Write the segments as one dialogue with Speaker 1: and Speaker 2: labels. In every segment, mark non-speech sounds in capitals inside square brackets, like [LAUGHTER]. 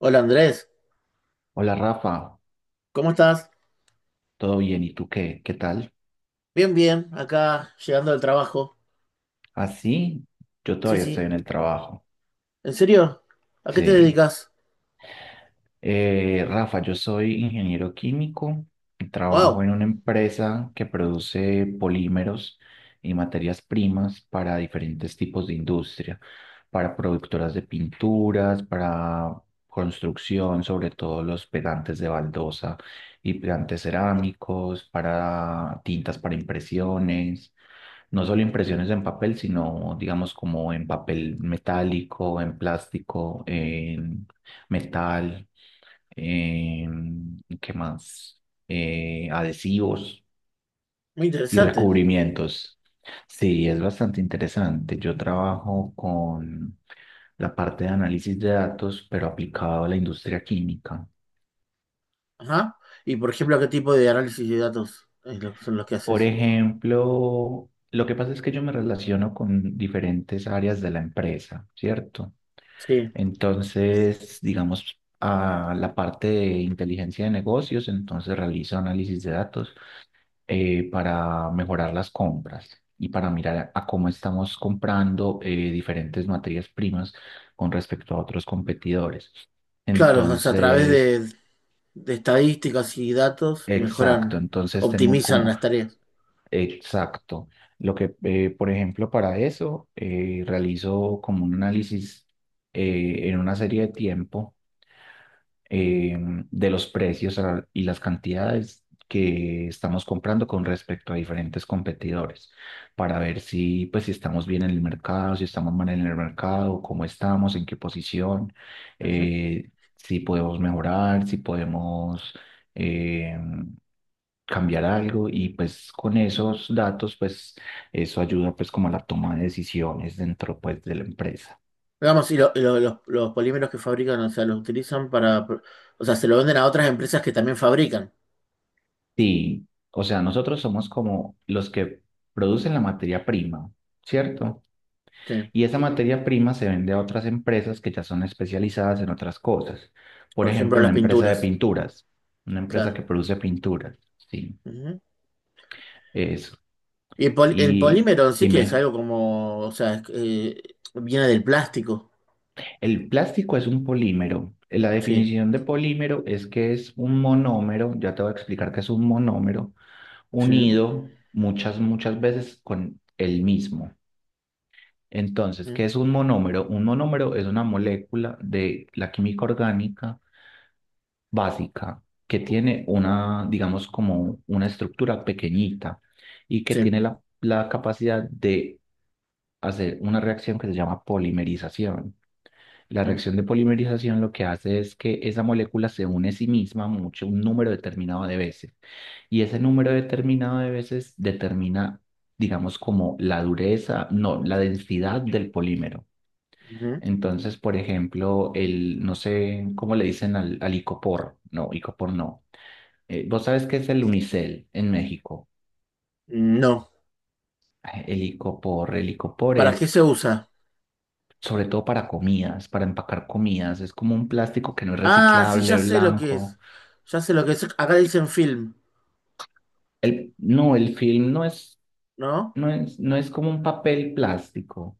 Speaker 1: Hola Andrés,
Speaker 2: Hola Rafa,
Speaker 1: ¿cómo estás?
Speaker 2: ¿todo bien? ¿Y tú qué? ¿Qué tal?
Speaker 1: Bien, bien, acá llegando del trabajo.
Speaker 2: Así, yo
Speaker 1: Sí,
Speaker 2: todavía estoy
Speaker 1: sí.
Speaker 2: en el trabajo.
Speaker 1: ¿En serio? ¿A qué te
Speaker 2: Sí,
Speaker 1: dedicas?
Speaker 2: Rafa, yo soy ingeniero químico, y trabajo
Speaker 1: Wow,
Speaker 2: en una empresa que produce polímeros y materias primas para diferentes tipos de industria, para productoras de pinturas, para construcción, sobre todo los pegantes de baldosa y pegantes cerámicos, para tintas para impresiones, no solo impresiones en papel, sino digamos como en papel metálico, en plástico, en metal eh, ¿qué más? Adhesivos
Speaker 1: muy
Speaker 2: y
Speaker 1: interesante.
Speaker 2: recubrimientos. Sí, es bastante interesante. Yo trabajo con la parte de análisis de datos, pero aplicado a la industria química.
Speaker 1: Ajá. Y por ejemplo, ¿qué tipo de análisis de datos son los que
Speaker 2: Por
Speaker 1: haces?
Speaker 2: ejemplo, lo que pasa es que yo me relaciono con diferentes áreas de la empresa, ¿cierto?
Speaker 1: Sí,
Speaker 2: Entonces, digamos, a la parte de inteligencia de negocios, entonces realizo análisis de datos para mejorar las compras y para mirar a cómo estamos comprando diferentes materias primas con respecto a otros competidores.
Speaker 1: claro, o sea, a través
Speaker 2: Entonces,
Speaker 1: de estadísticas y datos
Speaker 2: exacto,
Speaker 1: mejoran,
Speaker 2: entonces tengo
Speaker 1: optimizan
Speaker 2: como,
Speaker 1: las tareas.
Speaker 2: exacto, por ejemplo, para eso realizo como un análisis en una serie de tiempo eh, de los precios a- y las cantidades que estamos comprando con respecto a diferentes competidores, para ver si, pues, si estamos bien en el mercado, si estamos mal en el mercado, cómo estamos, en qué posición,
Speaker 1: Ujú.
Speaker 2: eh, si podemos mejorar, si podemos eh, cambiar algo y pues con esos datos, pues eso ayuda pues como a la toma de decisiones dentro pues de la empresa.
Speaker 1: Digamos, los polímeros que fabrican, o sea, los utilizan para, o sea, se lo venden a otras empresas que también fabrican.
Speaker 2: Sí, o sea, nosotros somos como los que producen la materia prima, ¿cierto?
Speaker 1: Sí,
Speaker 2: Y esa materia prima se vende a otras empresas que ya son especializadas en otras cosas. Por
Speaker 1: por ejemplo,
Speaker 2: ejemplo,
Speaker 1: las
Speaker 2: una empresa de
Speaker 1: pinturas,
Speaker 2: pinturas, una empresa
Speaker 1: claro.
Speaker 2: que produce pinturas, sí,
Speaker 1: Ujú.
Speaker 2: eso.
Speaker 1: Y el
Speaker 2: Y
Speaker 1: polímero sí que es
Speaker 2: dime,
Speaker 1: algo como, o sea, viene del plástico.
Speaker 2: el plástico es un polímero. La
Speaker 1: Sí,
Speaker 2: definición de polímero es que es un monómero, ya te voy a explicar que es un monómero,
Speaker 1: sí,
Speaker 2: unido muchas, muchas veces con el mismo. Entonces,
Speaker 1: mm,
Speaker 2: ¿qué es un monómero? Un monómero es una molécula de la química orgánica básica que tiene una, digamos, como una estructura pequeñita y que
Speaker 1: sí.
Speaker 2: tiene la capacidad de hacer una reacción que se llama polimerización. La
Speaker 1: Mm,
Speaker 2: reacción de polimerización lo que hace es que esa molécula se une a sí misma mucho, un número determinado de veces. Y ese número determinado de veces determina, digamos, como la dureza, no, la densidad del polímero.
Speaker 1: ujú.
Speaker 2: Entonces, por ejemplo, el, no sé cómo le dicen al, al icopor. No, icopor no. ¿vos sabes qué es el unicel en México?
Speaker 1: No.
Speaker 2: Ah, el icopor, el icopor
Speaker 1: ¿Para qué
Speaker 2: es
Speaker 1: se usa?
Speaker 2: sobre todo para comidas, para empacar comidas. Es como un plástico que no es
Speaker 1: Ah, sí, ya
Speaker 2: reciclable,
Speaker 1: sé lo que
Speaker 2: blanco.
Speaker 1: es. Ya sé lo que es. Acá dicen film,
Speaker 2: El, no, el film no es,
Speaker 1: ¿no?
Speaker 2: no es como un papel plástico.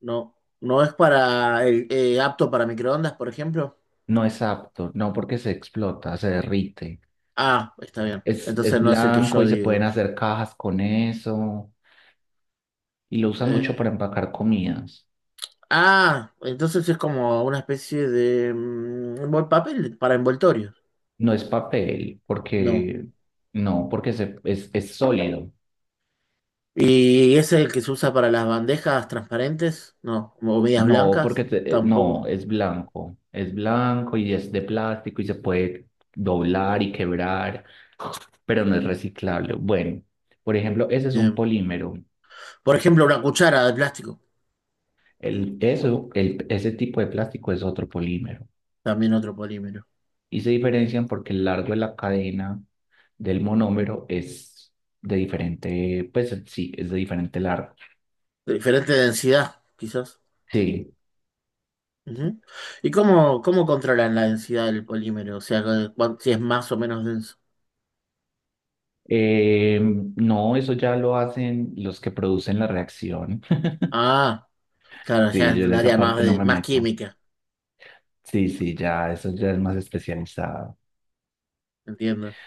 Speaker 1: No. ¿No es para el, apto para microondas, por ejemplo?
Speaker 2: No es apto, no porque se explota, se derrite.
Speaker 1: Ah, está bien. Entonces
Speaker 2: Es
Speaker 1: no es el que
Speaker 2: blanco
Speaker 1: yo
Speaker 2: y se pueden
Speaker 1: digo.
Speaker 2: hacer cajas con eso y lo usan mucho
Speaker 1: Eh,
Speaker 2: para empacar comidas.
Speaker 1: ah, entonces es como una especie de buen papel para envoltorio.
Speaker 2: No es papel,
Speaker 1: No.
Speaker 2: porque no, es sólido.
Speaker 1: ¿Y ese es el que se usa para las bandejas transparentes? No, o medias
Speaker 2: No,
Speaker 1: blancas, tampoco.
Speaker 2: no, es blanco. Es blanco y es de plástico y se puede doblar y quebrar, pero no es reciclable. Bueno, por ejemplo, ese es un
Speaker 1: Bien.
Speaker 2: polímero.
Speaker 1: Por ejemplo, una cuchara de plástico,
Speaker 2: El, eso, el, ese tipo de plástico es otro polímero.
Speaker 1: también otro polímero.
Speaker 2: Y se diferencian porque el largo de la cadena del monómero es de diferente, pues sí, es de diferente largo.
Speaker 1: De diferente densidad, quizás.
Speaker 2: Sí.
Speaker 1: Ujú. ¿Y cómo controlan la densidad del polímero? O sea, si es más o menos denso.
Speaker 2: Eh, no, eso ya lo hacen los que producen la reacción. [LAUGHS]
Speaker 1: Ah, claro, ya
Speaker 2: Sí,
Speaker 1: es
Speaker 2: yo en
Speaker 1: un
Speaker 2: esa
Speaker 1: área más,
Speaker 2: parte no me
Speaker 1: más
Speaker 2: meto.
Speaker 1: química,
Speaker 2: Sí, sí, ya, eso ya es más especializado.
Speaker 1: entiendo.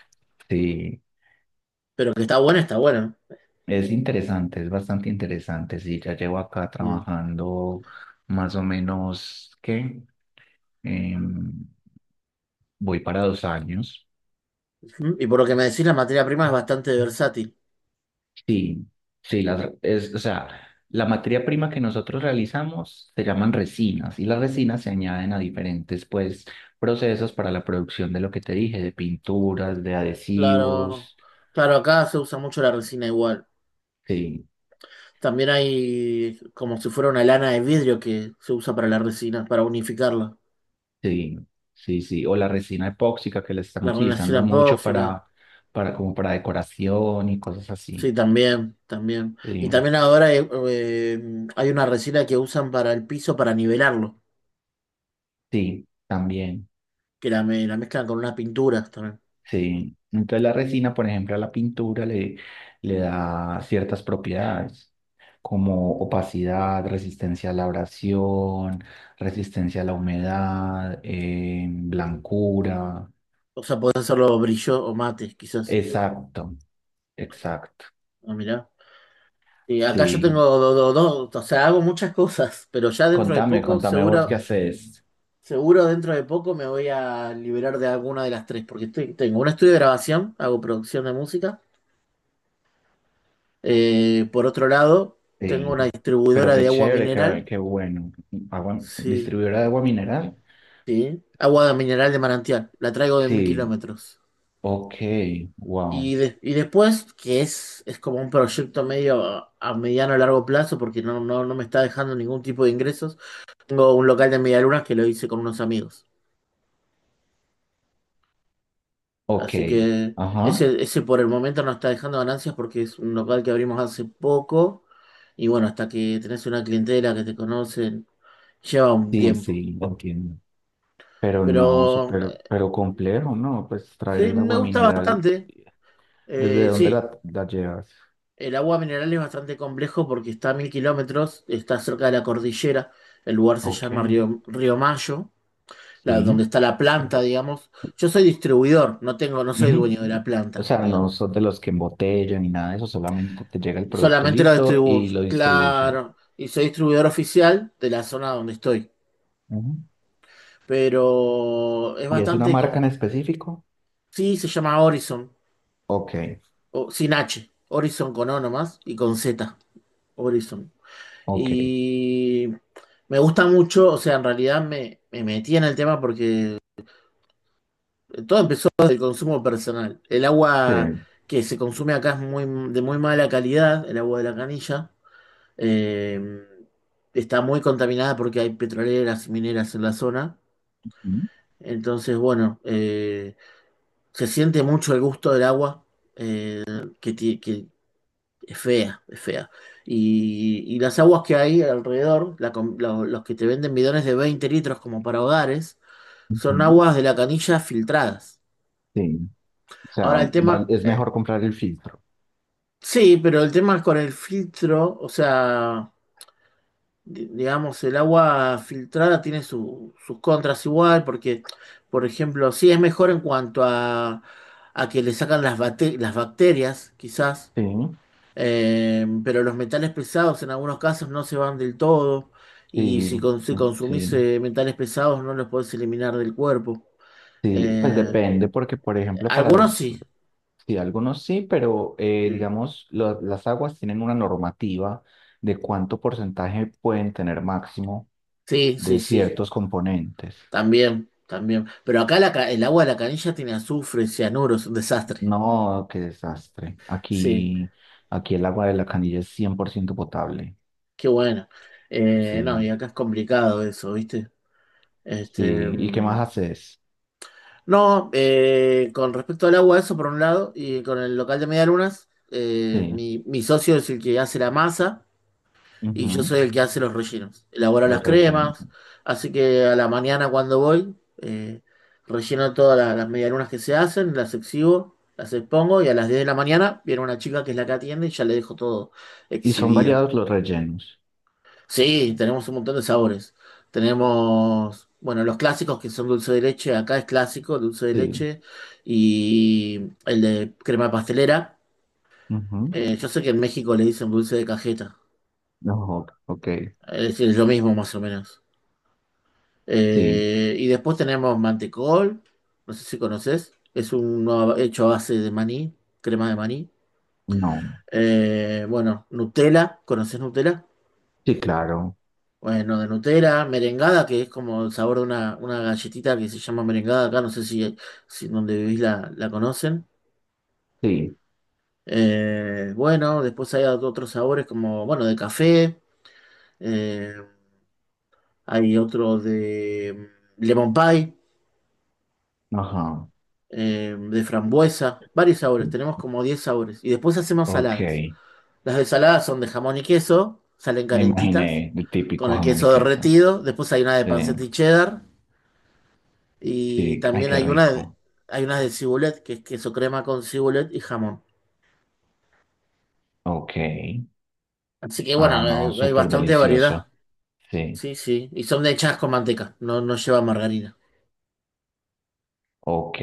Speaker 2: Sí,
Speaker 1: Pero que está buena, está buena.
Speaker 2: es interesante, es bastante interesante. Sí, ya llevo acá
Speaker 1: Bien.
Speaker 2: trabajando más o menos, ¿qué? Em, Voy para 2 años.
Speaker 1: Ujú. Y por lo que me decís, la materia prima es bastante versátil.
Speaker 2: Sí, sí, las, es, o sea, la materia prima que nosotros realizamos se llaman resinas y las resinas se añaden a diferentes, pues, procesos para la producción de lo que te dije, de pinturas, de
Speaker 1: Claro,
Speaker 2: adhesivos,
Speaker 1: claro, acá se usa mucho la resina igual.
Speaker 2: sí,
Speaker 1: También hay como si fuera una lana de vidrio que se usa para la resina, para unificarla.
Speaker 2: sí, sí, sí, o la resina epóxica que la están
Speaker 1: La resina
Speaker 2: utilizando mucho
Speaker 1: tóxica.
Speaker 2: para, como para decoración y cosas
Speaker 1: Sí,
Speaker 2: así,
Speaker 1: también, también. Y
Speaker 2: sí,
Speaker 1: también ahora hay una resina que usan para el piso para nivelarlo,
Speaker 2: sí, también.
Speaker 1: que la mezclan con unas pinturas también.
Speaker 2: Sí. Entonces la resina, por ejemplo, a la pintura le, le da ciertas propiedades, como opacidad, resistencia a la abrasión, resistencia a la humedad, blancura.
Speaker 1: O sea, podés hacerlo brillo o mate, quizás.
Speaker 2: Exacto, exacto.
Speaker 1: Ah, mirá. Y acá yo tengo
Speaker 2: Sí.
Speaker 1: dos, o sea, hago muchas [LAUGHS] cosas, pero ya dentro de
Speaker 2: Contame,
Speaker 1: poco
Speaker 2: contame vos
Speaker 1: seguro
Speaker 2: qué haces.
Speaker 1: Seguro dentro de poco me voy a liberar de alguna de las tres, porque tengo un estudio de grabación, hago producción de música. Por otro lado, tengo
Speaker 2: Sí.
Speaker 1: una
Speaker 2: Pero
Speaker 1: distribuidora
Speaker 2: qué
Speaker 1: de agua
Speaker 2: chévere, qué,
Speaker 1: mineral.
Speaker 2: qué bueno. Agua-
Speaker 1: Sí,
Speaker 2: distribuidora de agua mineral.
Speaker 1: sí. Agua de mineral de manantial. La traigo de mil
Speaker 2: Sí.
Speaker 1: kilómetros.
Speaker 2: Ok, wow.
Speaker 1: Y después, que es como un proyecto medio a mediano a largo plazo, porque no, no, no me está dejando ningún tipo de ingresos, tengo un local de medialunas que lo hice con unos amigos.
Speaker 2: Ok.
Speaker 1: Así que
Speaker 2: Ajá.
Speaker 1: ese por el momento no está dejando ganancias porque es un local que abrimos hace poco. Y bueno, hasta que tenés una clientela que te conocen, lleva un
Speaker 2: Sí,
Speaker 1: tiempo.
Speaker 2: sí, lo entiendo. Pero no,
Speaker 1: Pero
Speaker 2: súper, pero complejo, ¿no? Pues traer
Speaker 1: sí,
Speaker 2: el
Speaker 1: me
Speaker 2: agua
Speaker 1: gusta
Speaker 2: mineral,
Speaker 1: bastante.
Speaker 2: ¿desde dónde
Speaker 1: Sí,
Speaker 2: la llevas?
Speaker 1: el agua mineral es bastante complejo porque está a 1.000 km, está cerca de la cordillera. El lugar se
Speaker 2: Ok,
Speaker 1: llama Río Mayo, donde
Speaker 2: sí.
Speaker 1: está la planta, digamos. Yo soy distribuidor, no tengo, no soy
Speaker 2: Ujú.
Speaker 1: dueño de la
Speaker 2: O
Speaker 1: planta,
Speaker 2: sea,
Speaker 1: digamos.
Speaker 2: no son de los que embotellan ni nada de eso, solamente te llega el producto
Speaker 1: Solamente lo
Speaker 2: listo y
Speaker 1: distribuyo,
Speaker 2: lo distribuyen.
Speaker 1: claro. Y soy distribuidor oficial de la zona donde estoy.
Speaker 2: Ujú.
Speaker 1: Pero es
Speaker 2: ¿Y es una
Speaker 1: bastante
Speaker 2: marca en
Speaker 1: con...
Speaker 2: específico?
Speaker 1: Sí, se llama Horizon.
Speaker 2: Ok,
Speaker 1: O, sin H. Horizon con O nomás y con Z. Horizon.
Speaker 2: ok.
Speaker 1: Y me gusta mucho, o sea, en realidad me metí en el tema porque todo empezó desde el consumo personal. El agua
Speaker 2: Sí.
Speaker 1: que se consume acá es de muy mala calidad, el agua de la canilla. Eh, Está muy contaminada porque hay petroleras, mineras en la zona.
Speaker 2: Ujú.
Speaker 1: Entonces, bueno, se siente mucho el gusto del agua que es fea, es fea. Y las aguas que hay alrededor, los que te venden bidones de 20 L como para hogares, son
Speaker 2: Ujú.
Speaker 1: aguas de la canilla filtradas.
Speaker 2: Sí. O sea,
Speaker 1: Ahora el
Speaker 2: val-
Speaker 1: tema,
Speaker 2: es mejor comprar el filtro.
Speaker 1: sí, pero el tema es con el filtro, o sea... digamos, el agua filtrada tiene sus contras igual, porque, por ejemplo, sí es mejor en cuanto a que le sacan las bacterias, quizás,
Speaker 2: Sí,
Speaker 1: pero los metales pesados en algunos casos no se van del todo, y
Speaker 2: sí,
Speaker 1: si consumís
Speaker 2: sí.
Speaker 1: metales pesados no los podés eliminar del cuerpo.
Speaker 2: Sí, pues
Speaker 1: Eh,
Speaker 2: depende, porque por ejemplo para
Speaker 1: Algunos
Speaker 2: los,
Speaker 1: sí,
Speaker 2: sí, algunos sí, pero
Speaker 1: sí,
Speaker 2: digamos, lo- las aguas tienen una normativa de cuánto porcentaje pueden tener máximo
Speaker 1: sí,
Speaker 2: de
Speaker 1: sí, sí,
Speaker 2: ciertos componentes.
Speaker 1: también, también. Pero acá el agua de la canilla tiene azufre, cianuro, es un desastre.
Speaker 2: No, qué desastre.
Speaker 1: Sí.
Speaker 2: Aquí, aquí el agua de la canilla es 100% potable.
Speaker 1: Qué bueno.
Speaker 2: Sí,
Speaker 1: No, y acá es complicado eso, ¿viste? Este,
Speaker 2: sí. ¿Y qué más haces?
Speaker 1: no, con respecto al agua, eso por un lado, y con el local de medialunas,
Speaker 2: Sí,
Speaker 1: mi socio es el que hace la masa y yo
Speaker 2: ujú,
Speaker 1: soy el que hace los rellenos. Elaboro las
Speaker 2: los rellenos.
Speaker 1: cremas, así que a la mañana cuando voy, eh, relleno todas las medialunas que se hacen, las exhibo, las expongo y a las 10 de la mañana viene una chica que es la que atiende y ya le dejo todo
Speaker 2: Y son
Speaker 1: exhibido.
Speaker 2: variados los rellenos.
Speaker 1: Sí, tenemos un montón de sabores. Tenemos, bueno, los clásicos que son dulce de leche, acá es clásico, dulce de
Speaker 2: Sí,
Speaker 1: leche, y el de crema pastelera.
Speaker 2: ujú,
Speaker 1: Yo sé que en México le dicen dulce de cajeta,
Speaker 2: no, ok,
Speaker 1: es decir, es lo mismo más o menos.
Speaker 2: sí,
Speaker 1: Y después tenemos mantecol, no sé si conoces, es uno hecho a base de maní, crema de maní.
Speaker 2: no.
Speaker 1: Bueno, Nutella, ¿conoces Nutella?
Speaker 2: Sí, claro.
Speaker 1: Bueno, de Nutella, merengada, que es como el sabor de una galletita que se llama merengada acá, no sé si donde vivís la conocen.
Speaker 2: Sí,
Speaker 1: Bueno, después hay otros sabores como, bueno, de café, eh, hay otro de lemon pie,
Speaker 2: ajá.
Speaker 1: de frambuesa, varios sabores, tenemos como 10 sabores. Y después hacemos
Speaker 2: Ok,
Speaker 1: saladas. Las de saladas son de jamón y queso, salen
Speaker 2: me
Speaker 1: calentitas,
Speaker 2: imaginé el
Speaker 1: con
Speaker 2: típico
Speaker 1: el
Speaker 2: jamón y
Speaker 1: queso
Speaker 2: queso.
Speaker 1: derretido. Después hay una de
Speaker 2: Sí,
Speaker 1: panceta y cheddar. Y
Speaker 2: sí, ay,
Speaker 1: también
Speaker 2: qué rico.
Speaker 1: hay unas de cibulet, que es queso crema con cibulet y jamón.
Speaker 2: Ok,
Speaker 1: Así que bueno,
Speaker 2: ah, no,
Speaker 1: hay
Speaker 2: súper
Speaker 1: bastante variedad.
Speaker 2: delicioso. Sí,
Speaker 1: Sí, sí. Y son hechas con manteca, no, no lleva margarina.
Speaker 2: ok,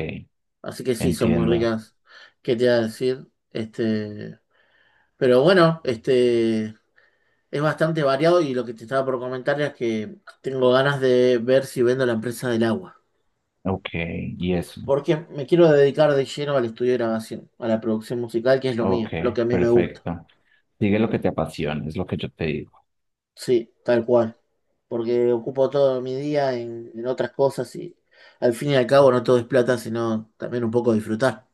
Speaker 1: Así que sí, son muy
Speaker 2: entiendo.
Speaker 1: ricas. ¿Qué te iba a decir? Este, pero bueno, este es bastante variado y lo que te estaba por comentar es que tengo ganas de ver si vendo la empresa del agua.
Speaker 2: Ok, y eso.
Speaker 1: Porque me quiero dedicar de lleno al estudio de grabación, a la producción musical, que es lo
Speaker 2: Ok,
Speaker 1: mío, lo que a mí me gusta.
Speaker 2: perfecto. Sigue lo que te apasiona, es lo que yo te digo.
Speaker 1: Sí, tal cual. Porque ocupo todo mi día en otras cosas y al fin y al cabo no todo es plata, sino también un poco disfrutar.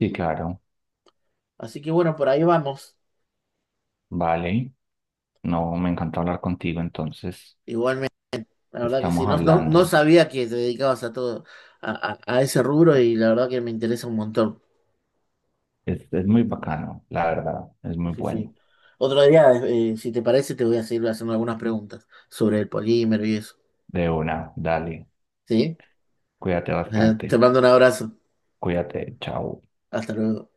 Speaker 2: Sí, claro,
Speaker 1: Así que bueno, por ahí vamos.
Speaker 2: vale. No, me encanta hablar contigo, entonces
Speaker 1: Igualmente, la verdad que sí,
Speaker 2: estamos
Speaker 1: no, no, no
Speaker 2: hablando.
Speaker 1: sabía que te dedicabas a todo, a ese rubro y la verdad que me interesa un montón.
Speaker 2: Es muy bacano, la verdad, es
Speaker 1: Sí,
Speaker 2: muy
Speaker 1: sí. Sí.
Speaker 2: bueno.
Speaker 1: Otro día, si te parece, te voy a seguir haciendo algunas preguntas sobre el polímero y eso.
Speaker 2: De una, dale.
Speaker 1: ¿Sí?
Speaker 2: Cuídate
Speaker 1: [LAUGHS] Te
Speaker 2: bastante.
Speaker 1: mando un abrazo.
Speaker 2: Cuídate. Chao.
Speaker 1: Hasta luego.